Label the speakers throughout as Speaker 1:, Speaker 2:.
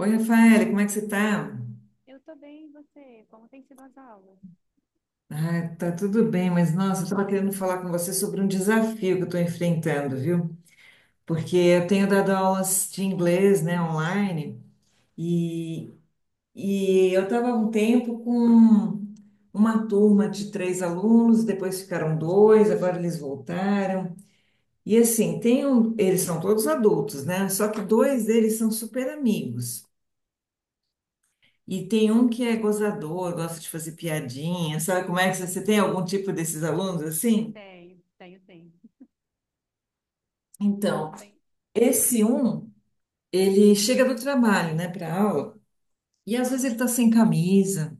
Speaker 1: Oi, Rafaela, como é que você tá?
Speaker 2: Eu tô bem, e você? Como tem sido as aulas?
Speaker 1: Ah, tá tudo bem, mas nossa, eu estava querendo falar com você sobre um desafio que eu estou enfrentando, viu? Porque eu tenho dado aulas de inglês, né, online, e, e eu estava um tempo com uma turma de três alunos, depois ficaram dois, agora eles voltaram. E assim, tem um, eles são todos adultos, né? Só que dois deles são super amigos. E tem um que é gozador, gosta de fazer piadinha, sabe como é que você tem algum tipo desses alunos assim?
Speaker 2: Tenho, tenho, tenho.
Speaker 1: Então,
Speaker 2: Tenho.
Speaker 1: esse um, ele chega do trabalho, né, para aula, e às vezes ele tá sem camisa,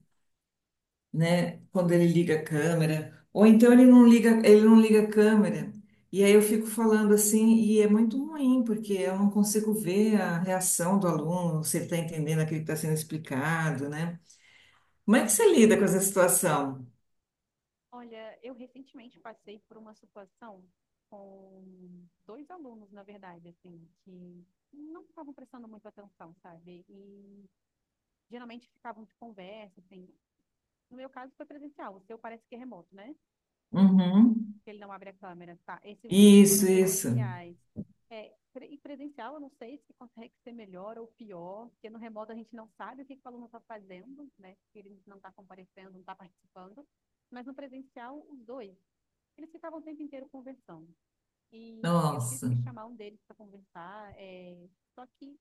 Speaker 1: né, quando ele liga a câmera, ou então ele não liga a câmera. E aí eu fico falando assim, e é muito ruim, porque eu não consigo ver a reação do aluno, se ele está entendendo aquilo que está sendo explicado, né? Como é que você lida com essa situação?
Speaker 2: Olha, eu recentemente passei por uma situação com dois alunos, na verdade, assim, que não estavam prestando muito atenção, sabe? E geralmente ficavam de conversa, assim. No meu caso foi presencial, o seu parece que é remoto, né?
Speaker 1: Uhum.
Speaker 2: que ele não abre a câmera, tá? Esses foram
Speaker 1: Isso, isso.
Speaker 2: presenciais. É, e presencial, eu não sei se consegue ser melhor ou pior, porque no remoto a gente não sabe o que, que o aluno está fazendo, né? Se ele não está comparecendo, não está participando. Mas no presencial, os dois, eles ficavam o tempo inteiro conversando. E eu tive
Speaker 1: Nossa.
Speaker 2: que chamar um deles para conversar, só que,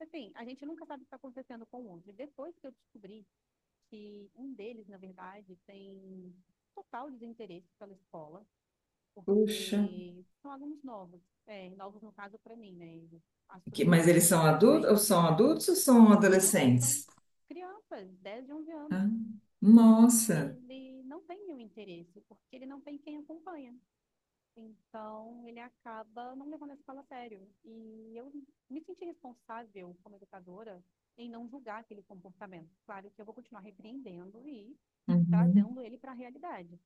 Speaker 2: assim, a gente nunca sabe o que está acontecendo com o outro. E depois que eu descobri que um deles, na verdade, tem total desinteresse pela escola,
Speaker 1: Puxa.
Speaker 2: porque são alunos novos, novos no caso para mim, né? Eu
Speaker 1: Que-
Speaker 2: assumi essa
Speaker 1: mas eles
Speaker 2: turma
Speaker 1: são adultos, ou
Speaker 2: recentemente.
Speaker 1: são adultos ou são
Speaker 2: Não, são
Speaker 1: adolescentes?
Speaker 2: crianças, 10 e 11 anos.
Speaker 1: Ah, nossa.
Speaker 2: Ele não tem nenhum interesse, porque ele não tem quem acompanha. Então, ele acaba não levando a escola a sério. E eu me senti responsável como educadora em não julgar aquele comportamento. Claro que eu vou continuar repreendendo e
Speaker 1: Uhum,
Speaker 2: trazendo ele para a realidade.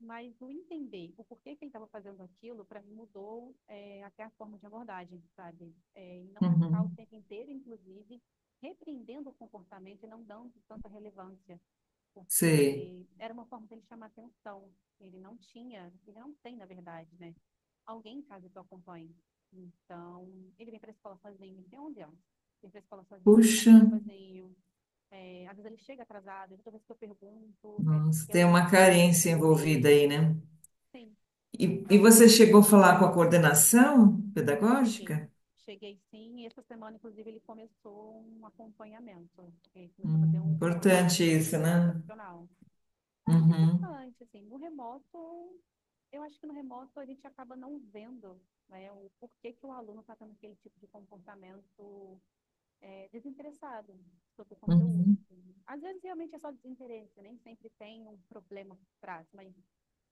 Speaker 2: Mas o entender o porquê que ele estava fazendo aquilo, para mim mudou até a forma de abordagem, sabe? É, e não ficar o
Speaker 1: uhum.
Speaker 2: tempo inteiro, inclusive, repreendendo o comportamento e não dando tanta relevância,
Speaker 1: Sei.
Speaker 2: porque era uma forma dele chamar atenção. Ele não tinha, ele não tem, na verdade, né? Alguém em casa que o acompanhe. Então, ele vem para a escola sozinho, ele tem 11 anos. Vem para a escola sozinho,
Speaker 1: Puxa,
Speaker 2: passa tudo sozinho. É, às vezes ele chega atrasado, toda vez que eu pergunto é
Speaker 1: nossa,
Speaker 2: porque
Speaker 1: tem
Speaker 2: alguém
Speaker 1: uma carência
Speaker 2: acordou
Speaker 1: envolvida aí,
Speaker 2: ele.
Speaker 1: né?
Speaker 2: Sim,
Speaker 1: E
Speaker 2: então,
Speaker 1: você
Speaker 2: é,
Speaker 1: chegou a falar com a coordenação
Speaker 2: cheguei.
Speaker 1: pedagógica?
Speaker 2: Cheguei sim, e essa semana, inclusive, ele começou um acompanhamento. Ele começou a fazer um
Speaker 1: Importante
Speaker 2: acompanhamento
Speaker 1: isso,
Speaker 2: com uma
Speaker 1: né?
Speaker 2: profissional. É muito
Speaker 1: Uhum,
Speaker 2: importante, assim. No remoto, eu acho que no remoto a gente acaba não vendo, né, o porquê que o aluno está tendo aquele tipo de comportamento desinteressado sobre o conteúdo,
Speaker 1: uhum.
Speaker 2: assim. Às vezes, realmente é só desinteresse, nem sempre tem um problema por trás, mas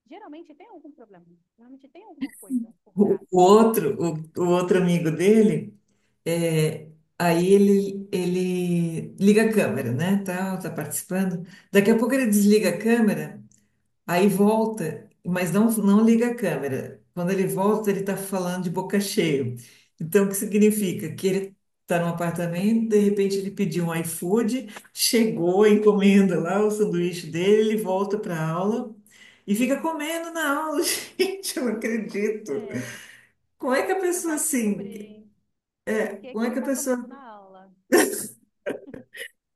Speaker 2: geralmente tem algum problema, geralmente tem alguma coisa por
Speaker 1: O
Speaker 2: trás.
Speaker 1: o outro, o outro amigo dele, é, aí ele liga a câmera, né? Tal, tá participando. Daqui a pouco ele desliga a câmera, aí volta, mas não, não liga a câmera. Quando ele volta, ele tá falando de boca cheia. Então, o que significa? Que ele tá num apartamento, de repente ele pediu um iFood, chegou, encomenda lá o sanduíche dele, ele volta pra aula e fica comendo na aula. Gente, eu não acredito.
Speaker 2: É,
Speaker 1: Como é que a pessoa
Speaker 2: tentar
Speaker 1: assim,
Speaker 2: descobrir por que
Speaker 1: como
Speaker 2: que
Speaker 1: é
Speaker 2: ele
Speaker 1: que a
Speaker 2: tá
Speaker 1: pessoa,
Speaker 2: comendo na aula.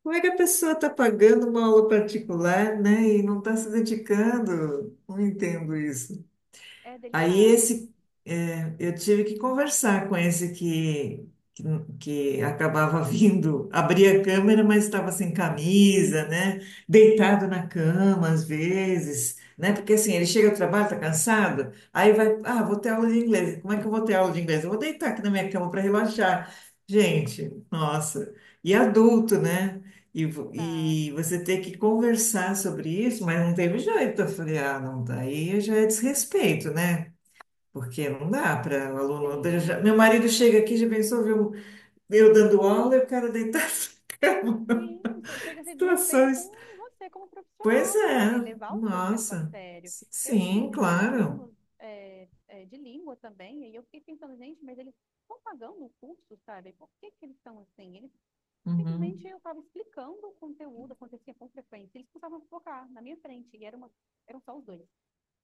Speaker 1: como é que a pessoa está pagando uma aula particular, né, e não está se dedicando? Não entendo isso.
Speaker 2: É
Speaker 1: Aí
Speaker 2: delicado,
Speaker 1: esse, é, eu tive que conversar com esse que, que acabava vindo, abria a câmera, mas estava sem camisa, né? Deitado na cama às vezes, né? Porque assim, ele chega do trabalho, tá cansado, aí vai, ah, vou ter aula de inglês. Como é que eu vou ter aula de inglês? Eu vou deitar aqui na minha cama para relaxar. Gente, nossa. E adulto, né? E,
Speaker 2: tá?
Speaker 1: e você ter que conversar sobre isso, mas não teve jeito. Eu falei, ah, não, daí já é desrespeito, né? Porque não dá para o aluno.
Speaker 2: Sim,
Speaker 1: Meu marido chega aqui, já pensou, viu? Eu dando aula e o cara deitado na cama.
Speaker 2: sim. Isso chega a ser desrespeito com
Speaker 1: Situações.
Speaker 2: você como
Speaker 1: Pois
Speaker 2: profissional também,
Speaker 1: é,
Speaker 2: né? Levar o seu tempo a
Speaker 1: nossa.
Speaker 2: sério. Eu
Speaker 1: Sim,
Speaker 2: tive dois
Speaker 1: claro.
Speaker 2: alunos de língua também, e eu fiquei pensando, gente, mas eles estão pagando o curso, sabe? Por que que eles estão assim? Eles simplesmente
Speaker 1: Uhum,
Speaker 2: eu estava explicando o conteúdo, acontecia com frequência, eles começavam a focar na minha frente, e era uma, eram só os dois.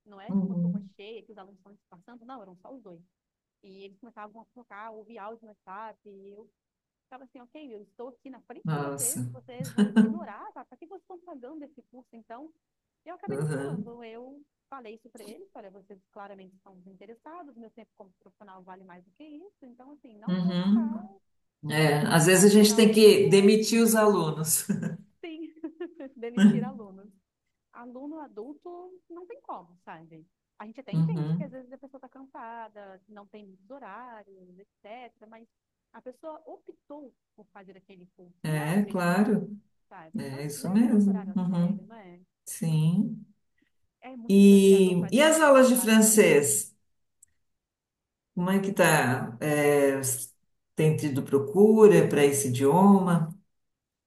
Speaker 2: Não é uma turma
Speaker 1: uhum.
Speaker 2: cheia que os alunos estão disfarçando, não, eram só os dois. E eles começavam a focar, ouvir áudio no WhatsApp, e eu ficava assim, ok, eu estou aqui na frente de
Speaker 1: Nossa.
Speaker 2: vocês, e vocês vão ignorar, tá? Pra que vocês estão pagando esse curso, então? Eu acabei não
Speaker 1: Uhum,
Speaker 2: falando, eu falei isso para eles, olha, vocês claramente estão desinteressados, meu tempo como profissional vale mais do que isso, então, assim, não vou
Speaker 1: uhum.
Speaker 2: ficar
Speaker 1: É,
Speaker 2: atravessando a
Speaker 1: às vezes
Speaker 2: cidade
Speaker 1: a
Speaker 2: para dar
Speaker 1: gente
Speaker 2: aula
Speaker 1: tem
Speaker 2: para
Speaker 1: que
Speaker 2: vocês,
Speaker 1: demitir os alunos.
Speaker 2: sim, demitir alunos. Aluno adulto não tem como, sabe? A gente até entende que às
Speaker 1: Uhum.
Speaker 2: vezes a pessoa está cansada, não tem muitos horários, etc. Mas a pessoa optou por fazer aquele curso, não é
Speaker 1: É,
Speaker 2: obrigatório,
Speaker 1: claro.
Speaker 2: sabe? Então,
Speaker 1: É isso
Speaker 2: leve o nosso
Speaker 1: mesmo.
Speaker 2: horário a sério,
Speaker 1: Uhum.
Speaker 2: não é?
Speaker 1: Sim.
Speaker 2: É muito desafiador
Speaker 1: E,
Speaker 2: fazer
Speaker 1: e as
Speaker 2: adulto
Speaker 1: aulas de
Speaker 2: levar a sério.
Speaker 1: francês? Como é que tá? É, tem tido procura para esse idioma?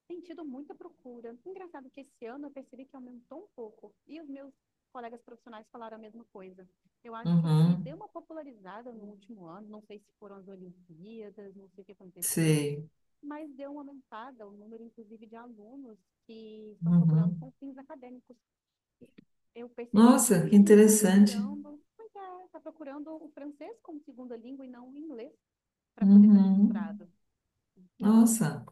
Speaker 2: Tem tido muita procura. Engraçado que esse ano eu percebi que aumentou um pouco. E os meus colegas profissionais falaram a mesma coisa. Eu acho que deu
Speaker 1: Uhum,
Speaker 2: uma popularizada no último ano, não sei se foram as Olimpíadas, não sei o que aconteceu,
Speaker 1: sei.
Speaker 2: mas deu uma aumentada o número, inclusive, de alunos que estão procurando
Speaker 1: Uhum.
Speaker 2: com fins acadêmicos. Eu percebi que
Speaker 1: Nossa, que
Speaker 2: muita gente
Speaker 1: interessante.
Speaker 2: está procurando o francês como segunda língua e não o inglês para poder fazer
Speaker 1: Uhum.
Speaker 2: mestrado. Então,
Speaker 1: Nossa.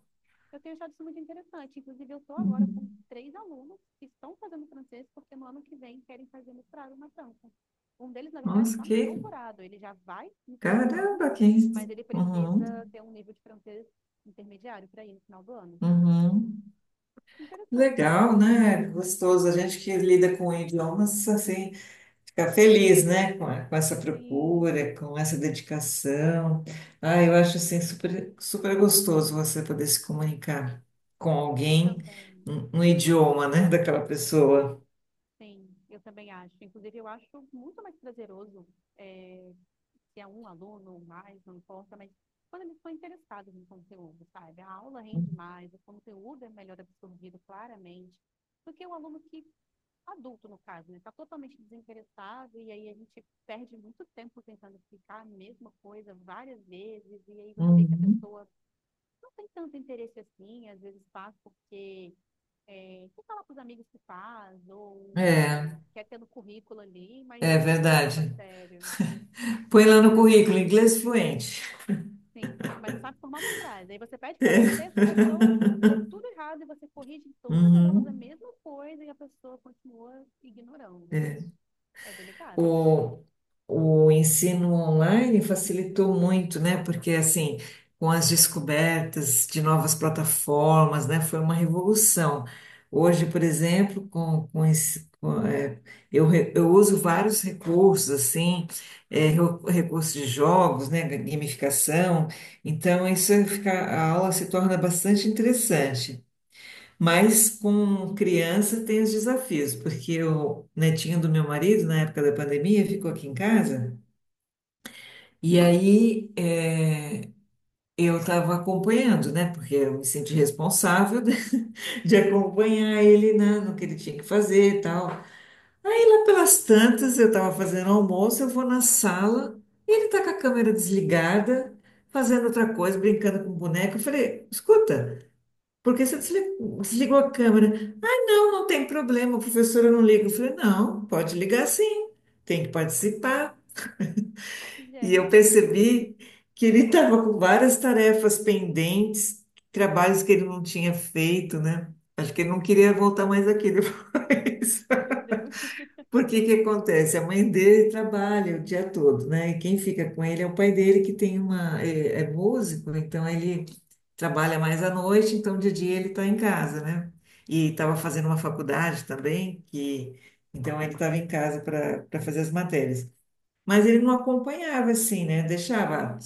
Speaker 2: eu tenho achado isso muito interessante. Inclusive, eu estou agora com
Speaker 1: Uhum.
Speaker 2: três alunos que estão fazendo francês porque no ano que vem querem fazer mestrado na França. Um deles, na verdade,
Speaker 1: Nossa,
Speaker 2: está no
Speaker 1: que
Speaker 2: doutorado. Ele já vai no final do ano,
Speaker 1: caramba, que
Speaker 2: mas ele
Speaker 1: Uhum.
Speaker 2: precisa ter um nível de francês intermediário para ir no final do ano.
Speaker 1: Uhum.
Speaker 2: Interessante.
Speaker 1: Legal, né? Gostoso. A gente que lida com idiomas assim. Ficar feliz, né, com, com essa
Speaker 2: Sim,
Speaker 1: procura, com essa dedicação. Ah, eu acho assim super, super gostoso você poder se comunicar com
Speaker 2: eu
Speaker 1: alguém
Speaker 2: também.
Speaker 1: no idioma, né, daquela pessoa.
Speaker 2: Sim, eu também acho. Inclusive, eu acho muito mais prazeroso, é se é um aluno ou mais, não importa, mas quando eles estão interessados no conteúdo, sabe? A aula rende mais, o conteúdo é melhor absorvido claramente, do que o aluno que, adulto no caso, né? Está totalmente desinteressado e aí a gente perde muito tempo tentando explicar a mesma coisa várias vezes e aí você vê que a
Speaker 1: Uhum.
Speaker 2: pessoa não tem tanto interesse assim, às vezes faz porque que falar para os amigos que faz, ou,
Speaker 1: É,
Speaker 2: enfim, quer ter no currículo ali, mas
Speaker 1: é
Speaker 2: não tá levando a
Speaker 1: verdade.
Speaker 2: sério.
Speaker 1: Põe lá no currículo, inglês fluente.
Speaker 2: Sim, mas não sabe formar uma frase. Aí você pede para ler um texto, a pessoa lê tudo errado e você corrige em todas as aulas a
Speaker 1: Uhum.
Speaker 2: mesma coisa e a pessoa continua ignorando. É delicado.
Speaker 1: O, o ensino online facilitou muito, né? Porque, assim, com as descobertas de novas plataformas, né? Foi uma revolução. Hoje, por exemplo, com esse, com, é, eu, eu uso vários recursos, assim, é, recursos de jogos, né? Gamificação. Então, isso fica, a aula se torna bastante interessante. Mas com criança tem os desafios, porque o netinho do meu marido, na época da pandemia, ficou aqui em casa. E aí eu estava acompanhando, né? Porque eu me senti responsável de, acompanhar ele na, no que ele tinha que fazer e tal. Aí lá pelas tantas, eu estava fazendo almoço, eu vou na sala, e ele está com a câmera desligada, fazendo outra coisa, brincando com o boneco. Eu falei, escuta, por que você desligou a câmera? Não, não tem problema, professora eu não liga. Eu falei, não, pode ligar sim, tem que participar. E eu
Speaker 2: Gente,
Speaker 1: percebi que ele estava com várias tarefas pendentes, trabalhos que ele não tinha feito, né? Acho que ele não queria voltar mais aqui depois.
Speaker 2: meu Deus.
Speaker 1: Porque que acontece? A mãe dele trabalha o dia todo, né? E quem fica com ele é o pai dele, que tem uma, é, é músico, então ele trabalha mais à noite, então de dia ele está em casa, né? E estava fazendo uma faculdade também, que então ele estava em casa para fazer as matérias. Mas ele não acompanhava assim, né? Deixava.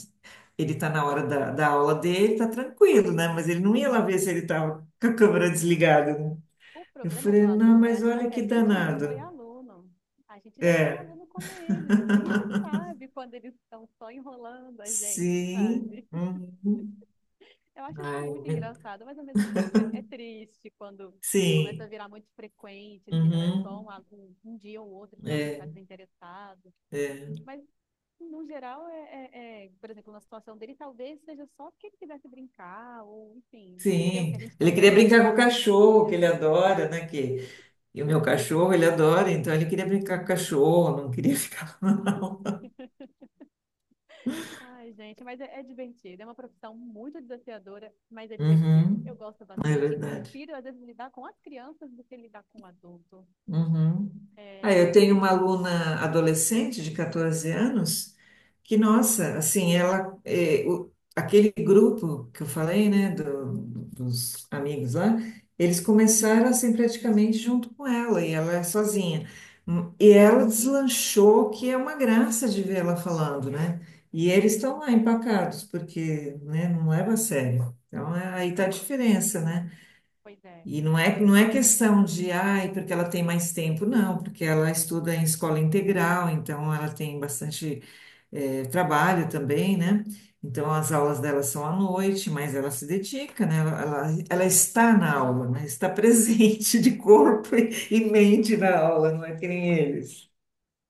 Speaker 1: Ele está na hora da aula dele, tá tranquilo, né? Mas ele não ia lá ver se ele estava com a câmera desligada, né?
Speaker 2: O
Speaker 1: Eu
Speaker 2: problema do
Speaker 1: falei, não,
Speaker 2: aluno é
Speaker 1: mas
Speaker 2: achar
Speaker 1: olha
Speaker 2: que a
Speaker 1: que
Speaker 2: gente não foi
Speaker 1: danado.
Speaker 2: aluno. A gente já foi
Speaker 1: É.
Speaker 2: aluno como eles, então a gente sabe quando eles estão só enrolando a gente,
Speaker 1: Sim.
Speaker 2: sabe?
Speaker 1: Uhum.
Speaker 2: Eu acho isso
Speaker 1: Ai,
Speaker 2: muito engraçado, mas ao mesmo tempo é triste quando começa a
Speaker 1: sim.
Speaker 2: virar muito frequente, assim, não é só
Speaker 1: Uhum.
Speaker 2: um dia ou outro que o aluno está
Speaker 1: É,
Speaker 2: desinteressado.
Speaker 1: é.
Speaker 2: Mas, no geral, por exemplo, na situação dele, talvez seja só que ele quisesse brincar, ou, enfim, esqueceu que
Speaker 1: Sim.
Speaker 2: a gente
Speaker 1: Ele queria
Speaker 2: também já foi
Speaker 1: brincar com o
Speaker 2: aluno um
Speaker 1: cachorro, que ele
Speaker 2: dia.
Speaker 1: adora, né? Que... E o meu cachorro, ele adora, então ele queria brincar com o cachorro, não queria ficar, não.
Speaker 2: Ai, gente, mas é divertido. É uma profissão muito desafiadora, mas é divertido. Eu
Speaker 1: Uhum.
Speaker 2: gosto
Speaker 1: É
Speaker 2: bastante. E
Speaker 1: verdade.
Speaker 2: prefiro, às vezes, lidar com as crianças do que lidar com o adulto.
Speaker 1: Uhum. Ah,
Speaker 2: É,
Speaker 1: eu
Speaker 2: mas é
Speaker 1: tenho uma
Speaker 2: isso.
Speaker 1: aluna adolescente de 14 anos que, nossa, assim, ela, eh, aquele grupo que eu falei, né, dos amigos lá, eles começaram assim praticamente junto com ela e ela é sozinha. E ela deslanchou, que é uma graça de ver ela falando, né? E eles estão lá empacados, porque, né, não leva a sério. Então, aí tá a diferença, né?
Speaker 2: Pois é.
Speaker 1: E não é, não é questão de, ai, porque ela tem mais tempo, não, porque ela estuda em escola integral, então ela tem bastante trabalho também, né? Então as aulas dela são à noite, mas ela se dedica, né? Ela está na aula, né? Está presente de corpo e mente na aula, não é que nem eles.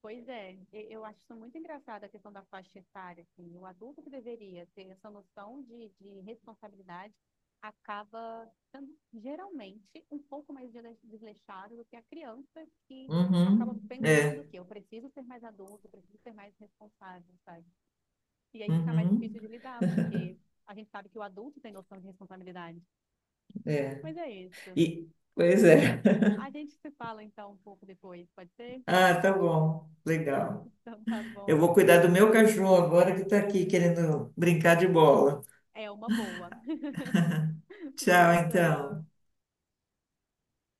Speaker 2: Pois é, eu acho isso muito engraçado a questão da faixa etária, assim, o adulto que deveria ter essa noção de responsabilidade acaba sendo geralmente um pouco mais desleixado do que a criança que
Speaker 1: Uhum,
Speaker 2: acaba pensando
Speaker 1: é,
Speaker 2: que eu preciso ser mais adulto, eu preciso ser mais responsável, sabe? E aí fica mais
Speaker 1: uhum,
Speaker 2: difícil de lidar, porque a gente sabe que o adulto tem noção de responsabilidade.
Speaker 1: é.
Speaker 2: Mas é isso.
Speaker 1: E, pois é.
Speaker 2: A gente se fala então um pouco depois, pode ser?
Speaker 1: Ah, tá bom, legal.
Speaker 2: Então tá
Speaker 1: Eu
Speaker 2: bom.
Speaker 1: vou cuidar
Speaker 2: Tchau,
Speaker 1: do meu
Speaker 2: tchau.
Speaker 1: cachorro agora que está aqui querendo brincar de bola.
Speaker 2: É uma boa.
Speaker 1: Tchau,
Speaker 2: Tchau,
Speaker 1: então.
Speaker 2: tchau.